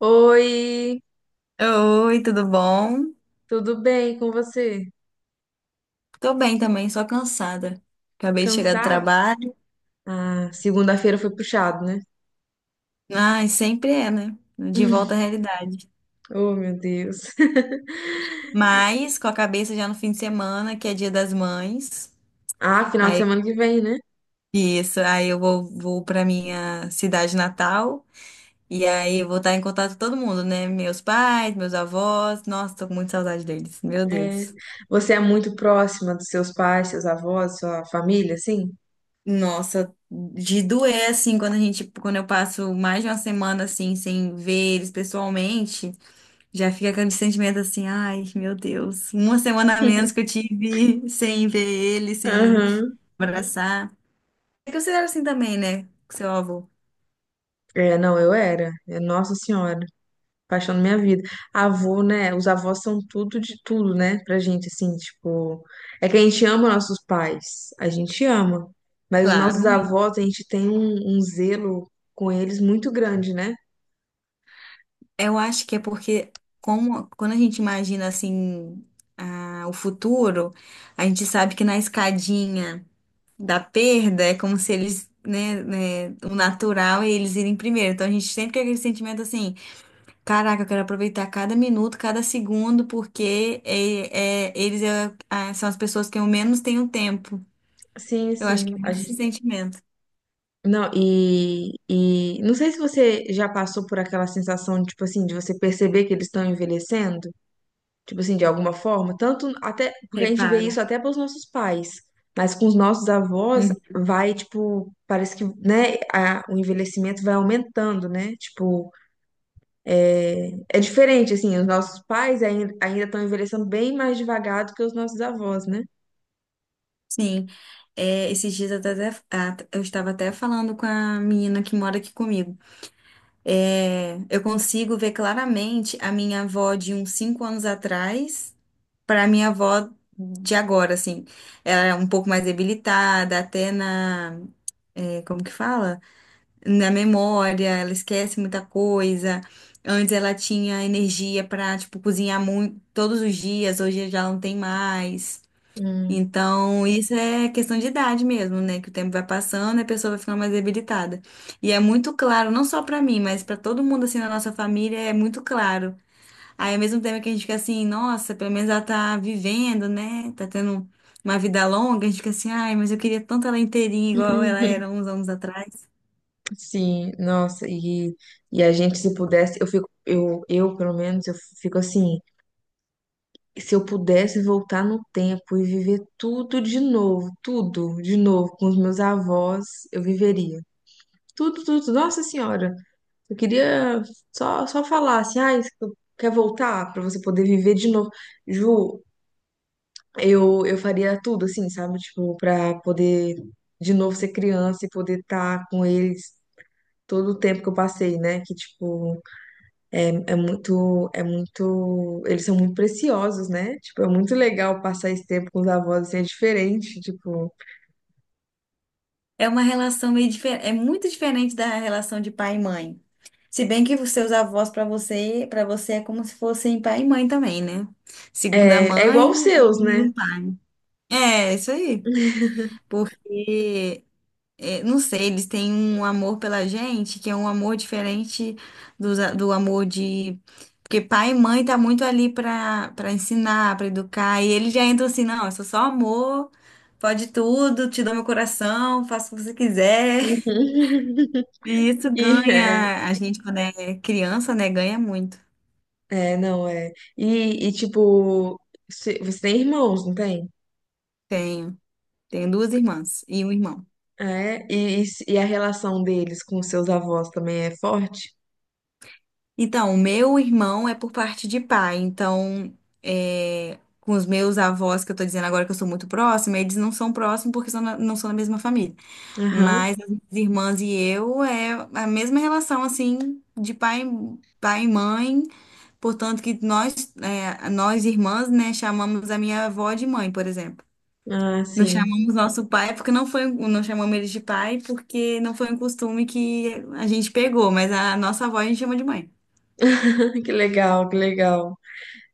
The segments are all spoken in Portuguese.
Oi, Oi, tudo bom? tudo bem com você? Tô bem também, só cansada. Acabei de chegar do Cansado? trabalho. Ah, segunda-feira foi puxado, né? Ai, sempre é, né? De volta à realidade. Oh, meu Deus. Mas com a cabeça já no fim de semana, que é Dia das Mães. Ah, final de Aí, semana que vem, né? isso, aí eu vou pra minha cidade natal. E aí eu vou estar em contato com todo mundo, né? Meus pais, meus avós. Nossa, tô com muita saudade deles. Meu É. Deus. Você é muito próxima dos seus pais, seus avós, sua família, assim? Nossa, de doer assim quando quando eu passo mais de uma semana assim sem ver eles pessoalmente. Já fica aquele sentimento assim, ai, meu Deus, uma semana a menos que eu tive sem ver ele, sem Aham. abraçar. É que você era assim também, né, com seu avô? É, não, eu era. É, Nossa Senhora. Paixão da minha vida. Avô, né? Os avós são tudo de tudo, né? Pra gente, assim, tipo. É que a gente ama nossos pais, a gente ama. Mas os Claro, nossos muito. avós, a gente tem um zelo com eles muito grande, né? Eu acho que é porque como, quando a gente imagina assim o futuro, a gente sabe que na escadinha da perda é como se eles, né, o natural é eles irem primeiro. Então a gente sempre tem aquele sentimento assim. Caraca, eu quero aproveitar cada minuto, cada segundo, porque eles são as pessoas que eu menos tenho tempo. Sim, Eu acho que sim. é A muito esse gente... sentimento. Não, e não sei se você já passou por aquela sensação, tipo assim, de você perceber que eles estão envelhecendo. Tipo assim, de alguma forma, tanto até porque a gente vê Reparo. isso até pelos nossos pais, mas com os nossos avós Uhum. vai, tipo, parece que, né, o envelhecimento vai aumentando, né? Tipo, é é diferente, assim, os nossos pais ainda estão envelhecendo bem mais devagar do que os nossos avós, né? Sim. É, esses dias eu, até, eu estava até falando com a menina que mora aqui comigo. É, eu consigo ver claramente a minha avó de uns cinco anos atrás para a minha avó de agora, assim. Ela é um pouco mais debilitada, até na. É, como que fala? Na memória, ela esquece muita coisa. Antes ela tinha energia para, tipo, cozinhar muito todos os dias, hoje já não tem mais. Hum. Então, isso é questão de idade mesmo, né? Que o tempo vai passando e a pessoa vai ficando mais debilitada. E é muito claro, não só para mim, mas para todo mundo assim na nossa família, é muito claro. Aí, ao mesmo tempo que a gente fica assim, nossa, pelo menos ela tá vivendo, né? Tá tendo uma vida longa, a gente fica assim, ai, mas eu queria tanto ela inteirinha igual ela era uns anos atrás. Sim, nossa, e a gente se pudesse, eu fico, eu pelo menos, eu fico assim, se eu pudesse voltar no tempo e viver tudo de novo com os meus avós, eu viveria. Tudo, tudo. Nossa Senhora, eu queria só falar assim, ah, isso que quer voltar pra você poder viver de novo. Ju, eu faria tudo assim, sabe? Tipo, pra poder de novo ser criança e poder estar com eles todo o tempo que eu passei, né? Que tipo é muito, é muito, eles são muito preciosos, né? Tipo, é muito legal passar esse tempo com os avós, assim, é diferente, tipo, É uma relação meio diferente, é muito diferente da relação de pai e mãe. Se bem que os seus avós para você é como se fossem pai e mãe também, né? Segunda é, é igual os mãe seus, e né? um pai. É, isso aí. Porque, é, não sei, eles têm um amor pela gente que é um amor diferente dos do, amor de. Porque pai e mãe tá muito ali para ensinar, para educar, e eles já entram assim, não, eu sou só amor, pode tudo, te dou meu coração, faço o que você Uhum. quiser. E isso E, é, ganha, a gente quando é criança, né, ganha muito. é, não, é. E, tipo, você tem irmãos, não tem? Tenho, tenho duas irmãs e um irmão. É, e se- e a relação deles com os seus avós também é forte? Então, o meu irmão é por parte de pai, então, é, com os meus avós, que eu tô dizendo agora que eu sou muito próxima, eles não são próximos porque são não são da mesma família. Aham. Mas as minhas irmãs e eu é a mesma relação, assim, de pai, pai e mãe, portanto que nós irmãs, né, chamamos a minha avó de mãe, por exemplo. Ah, Não sim. chamamos nosso pai porque não foi, não chamamos ele de pai porque não foi um costume que a gente pegou, mas a nossa avó a gente chama de mãe. Que legal, que legal.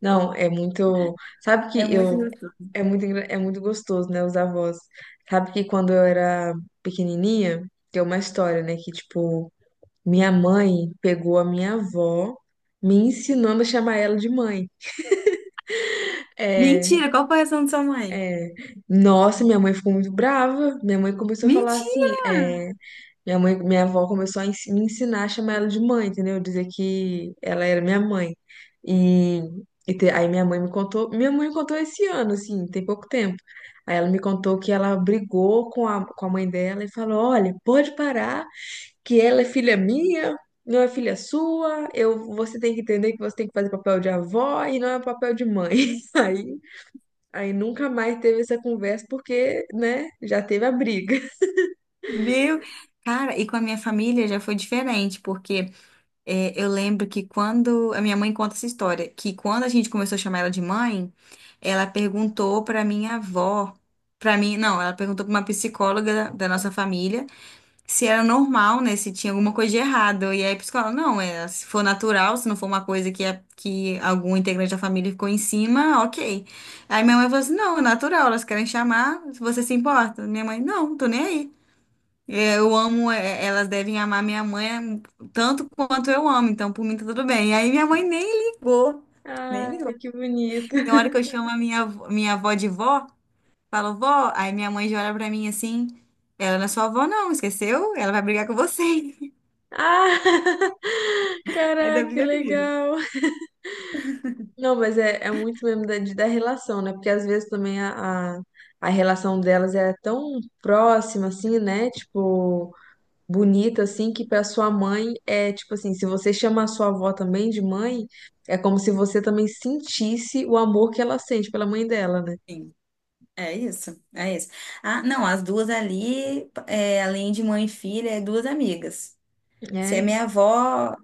Não, é muito. Sabe É que muito eu. gostoso. É muito, é muito gostoso, né? Os avós. Sabe que quando eu era pequenininha, tem uma história, né? Que, tipo, minha mãe pegou a minha avó me ensinando a chamar ela de mãe. É, Mentira, qual foi a reação da sua mãe? é. Nossa, minha mãe ficou muito brava. Minha mãe começou a falar assim. Mentira! "É, minha mãe, minha avó começou a me ensinar a chamar ela de mãe, entendeu? Dizer que ela era minha mãe. E, aí minha mãe me contou, esse ano, assim, tem pouco tempo. Aí ela me contou que ela brigou com a mãe dela e falou: Olha, pode parar, que ela é filha minha, não é filha sua, eu, você tem que entender que você tem que fazer papel de avó e não é papel de mãe. Aí, aí nunca mais teve essa conversa porque, né, já teve a briga. Meu. Cara, e com a minha família já foi diferente, porque é, eu lembro que quando. A minha mãe conta essa história, que quando a gente começou a chamar ela de mãe, ela perguntou pra minha avó, pra mim, não, ela perguntou pra uma psicóloga da nossa família. Se era normal, né? Se tinha alguma coisa de errado. E aí a psicóloga, não, é, se for natural, se não for uma coisa que, é, que algum integrante da família ficou em cima, ok. Aí minha mãe falou assim, não, é natural, elas querem chamar, se você se importa. Minha mãe, não, tô nem aí. É, eu amo, é, elas devem amar minha mãe tanto quanto eu amo, então por mim tá tudo bem. Aí minha mãe nem ligou, nem Ai, ligou. que bonito. Tem hora que eu chamo a minha avó de vó, falo vó, aí minha mãe já olha pra mim assim, ela não é sua avó não, esqueceu? Ela vai brigar com você. Ah, Ainda caraca, que briga comigo. legal. Não, mas é, é muito mesmo da relação, né? Porque às vezes também a relação delas é tão próxima, assim, né? Tipo, bonita, assim, que pra sua mãe é tipo assim: se você chama a sua avó também de mãe, é como se você também sentisse o amor que ela sente pela mãe dela, né? Sim, é isso, é isso. Ah, não, as duas ali, é, além de mãe e filha, é duas amigas. Se a É. minha avó,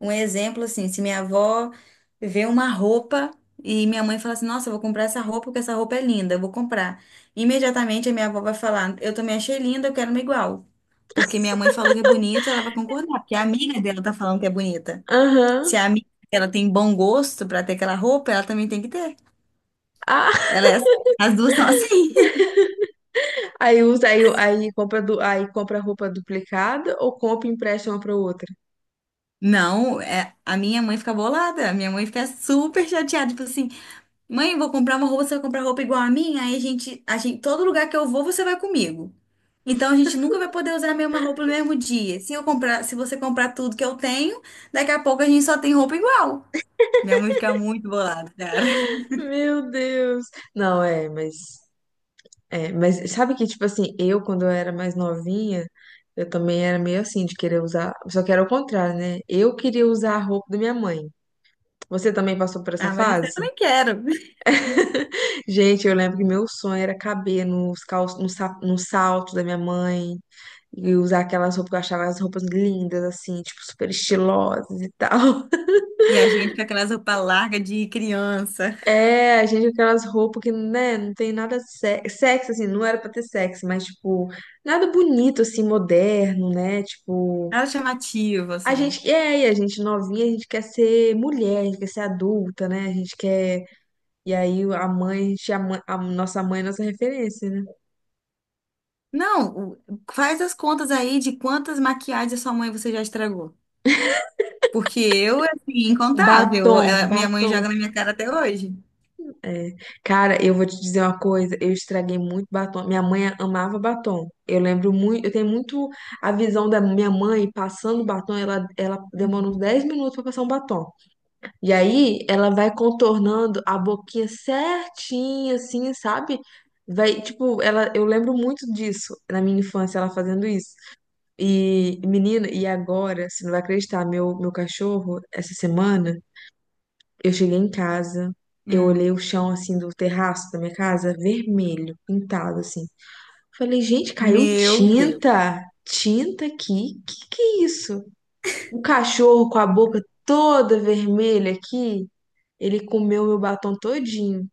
um exemplo assim, se minha avó vê uma roupa e minha mãe fala assim, nossa, eu vou comprar essa roupa porque essa roupa é linda, eu vou comprar. Imediatamente a minha avó vai falar, eu também achei linda, eu quero uma igual. Porque minha mãe falou que é bonita, ela vai concordar, porque a amiga dela tá falando que é bonita. Aham. Se a amiga dela tem bom gosto para ter aquela roupa, ela também tem que ter. Ah, Ela é assim. As duas são assim. aí usa, aí, aí compra, aí compra roupa duplicada ou compra e empresta uma pra outra? Não, é, a minha mãe fica bolada. A minha mãe fica super chateada. Tipo assim, mãe, vou comprar uma roupa, você vai comprar roupa igual a minha? Aí a gente, todo lugar que eu vou, você vai comigo. Então a gente nunca vai poder usar a mesma roupa no mesmo dia. Se eu comprar, se você comprar tudo que eu tenho, daqui a pouco a gente só tem roupa igual. Minha mãe fica muito bolada, cara. Meu Deus. Não, é, mas sabe que tipo assim, eu quando eu era mais novinha, eu também era meio assim de querer usar, só que era o contrário, né? Eu queria usar a roupa da minha mãe. Você também passou por essa Ah, mas isso eu fase? também quero. Gente, eu lembro que meu sonho era caber nos calços, no, no salto da minha mãe e usar aquelas roupas que eu achava as roupas lindas assim, tipo super estilosas e tal. E a gente com aquelas roupas largas de criança. É, a gente com aquelas roupas que, né, não tem nada sexy, assim, não era pra ter sexo, mas, tipo, nada bonito, assim, moderno, né, tipo, Nada chamativo, a assim. gente, é, e a gente novinha, a gente quer ser mulher, a gente quer ser adulta, né, a gente quer, e aí a mãe, a, a nossa mãe é nossa referência, né, Não, o- faz as contas aí de quantas maquiagens sua mãe você já estragou. Porque eu, assim, incontável. batom, Ela- minha mãe batom. joga na minha cara até hoje. É. Cara, eu vou te dizer uma coisa, eu estraguei muito batom. Minha mãe amava batom. Eu lembro muito, eu tenho muito a visão da minha mãe passando batom, ela demora uns 10 minutos pra passar um batom. E aí ela vai contornando a boquinha certinha assim, sabe? Vai, tipo, ela, eu lembro muito disso na minha infância, ela fazendo isso. E menina, e agora, você não vai acreditar, meu cachorro essa semana eu cheguei em casa, eu Hum. olhei o chão assim do terraço da minha casa, vermelho, pintado assim. Falei, gente, caiu Meu Deus. tinta, tinta aqui. Que é isso? O cachorro com a boca toda vermelha aqui, ele comeu meu batom todinho.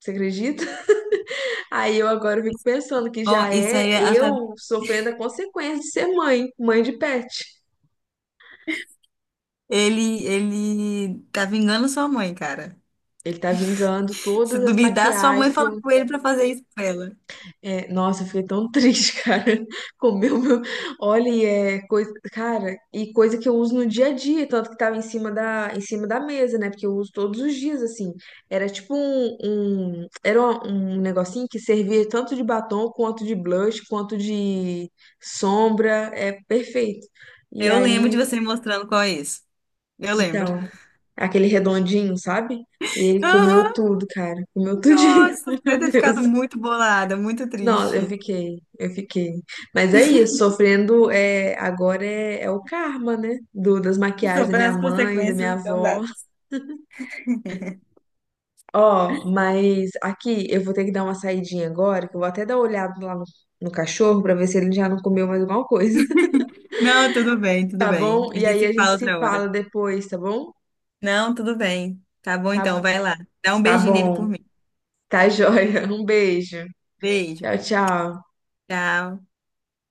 Você acredita? Aí eu agora fico pensando que Ó, já isso é aí, eu sofrendo a consequência de ser mãe, mãe de pet. ele tá vingando sua mãe, cara. Ele tá vingando Se todas as duvidar, sua mãe maquiagens, que falou eu com ele pra fazer isso com ela. é, nossa, eu fiquei tão triste, cara. Comeu meu. Olha, e é coisa. Cara, e coisa que eu uso no dia a dia, tanto que tava em cima da mesa, né? Porque eu uso todos os dias, assim. Era tipo um. Era um negocinho que servia tanto de batom, quanto de blush, quanto de sombra. É perfeito. E Eu lembro de aí, você me mostrando qual é isso. Eu lembro. então, aquele redondinho, sabe? E ele Aham, comeu tudo, cara. Comeu tudinho. nossa, você deve Meu ter Deus. ficado muito bolada, muito Não, eu triste. fiquei, eu fiquei. Mas é isso, sofrendo é, agora é, é o karma, né? Do, das maquiagens da Sobre minha as mãe, da consequências minha então avó. dá. Ó, mas aqui eu vou ter que dar uma saidinha agora, que eu vou até dar uma olhada lá no cachorro pra ver se ele já não comeu mais alguma coisa, Não, tudo bem, tudo tá bem. bom? A E gente aí a se gente fala se outra fala hora. depois, tá bom? Não, tudo bem. Tá bom então, Tá, vai lá. Dá um tá beijinho nele por bom, mim. tá joia. Um beijo. Beijo. Tchau, tchau. Tchau.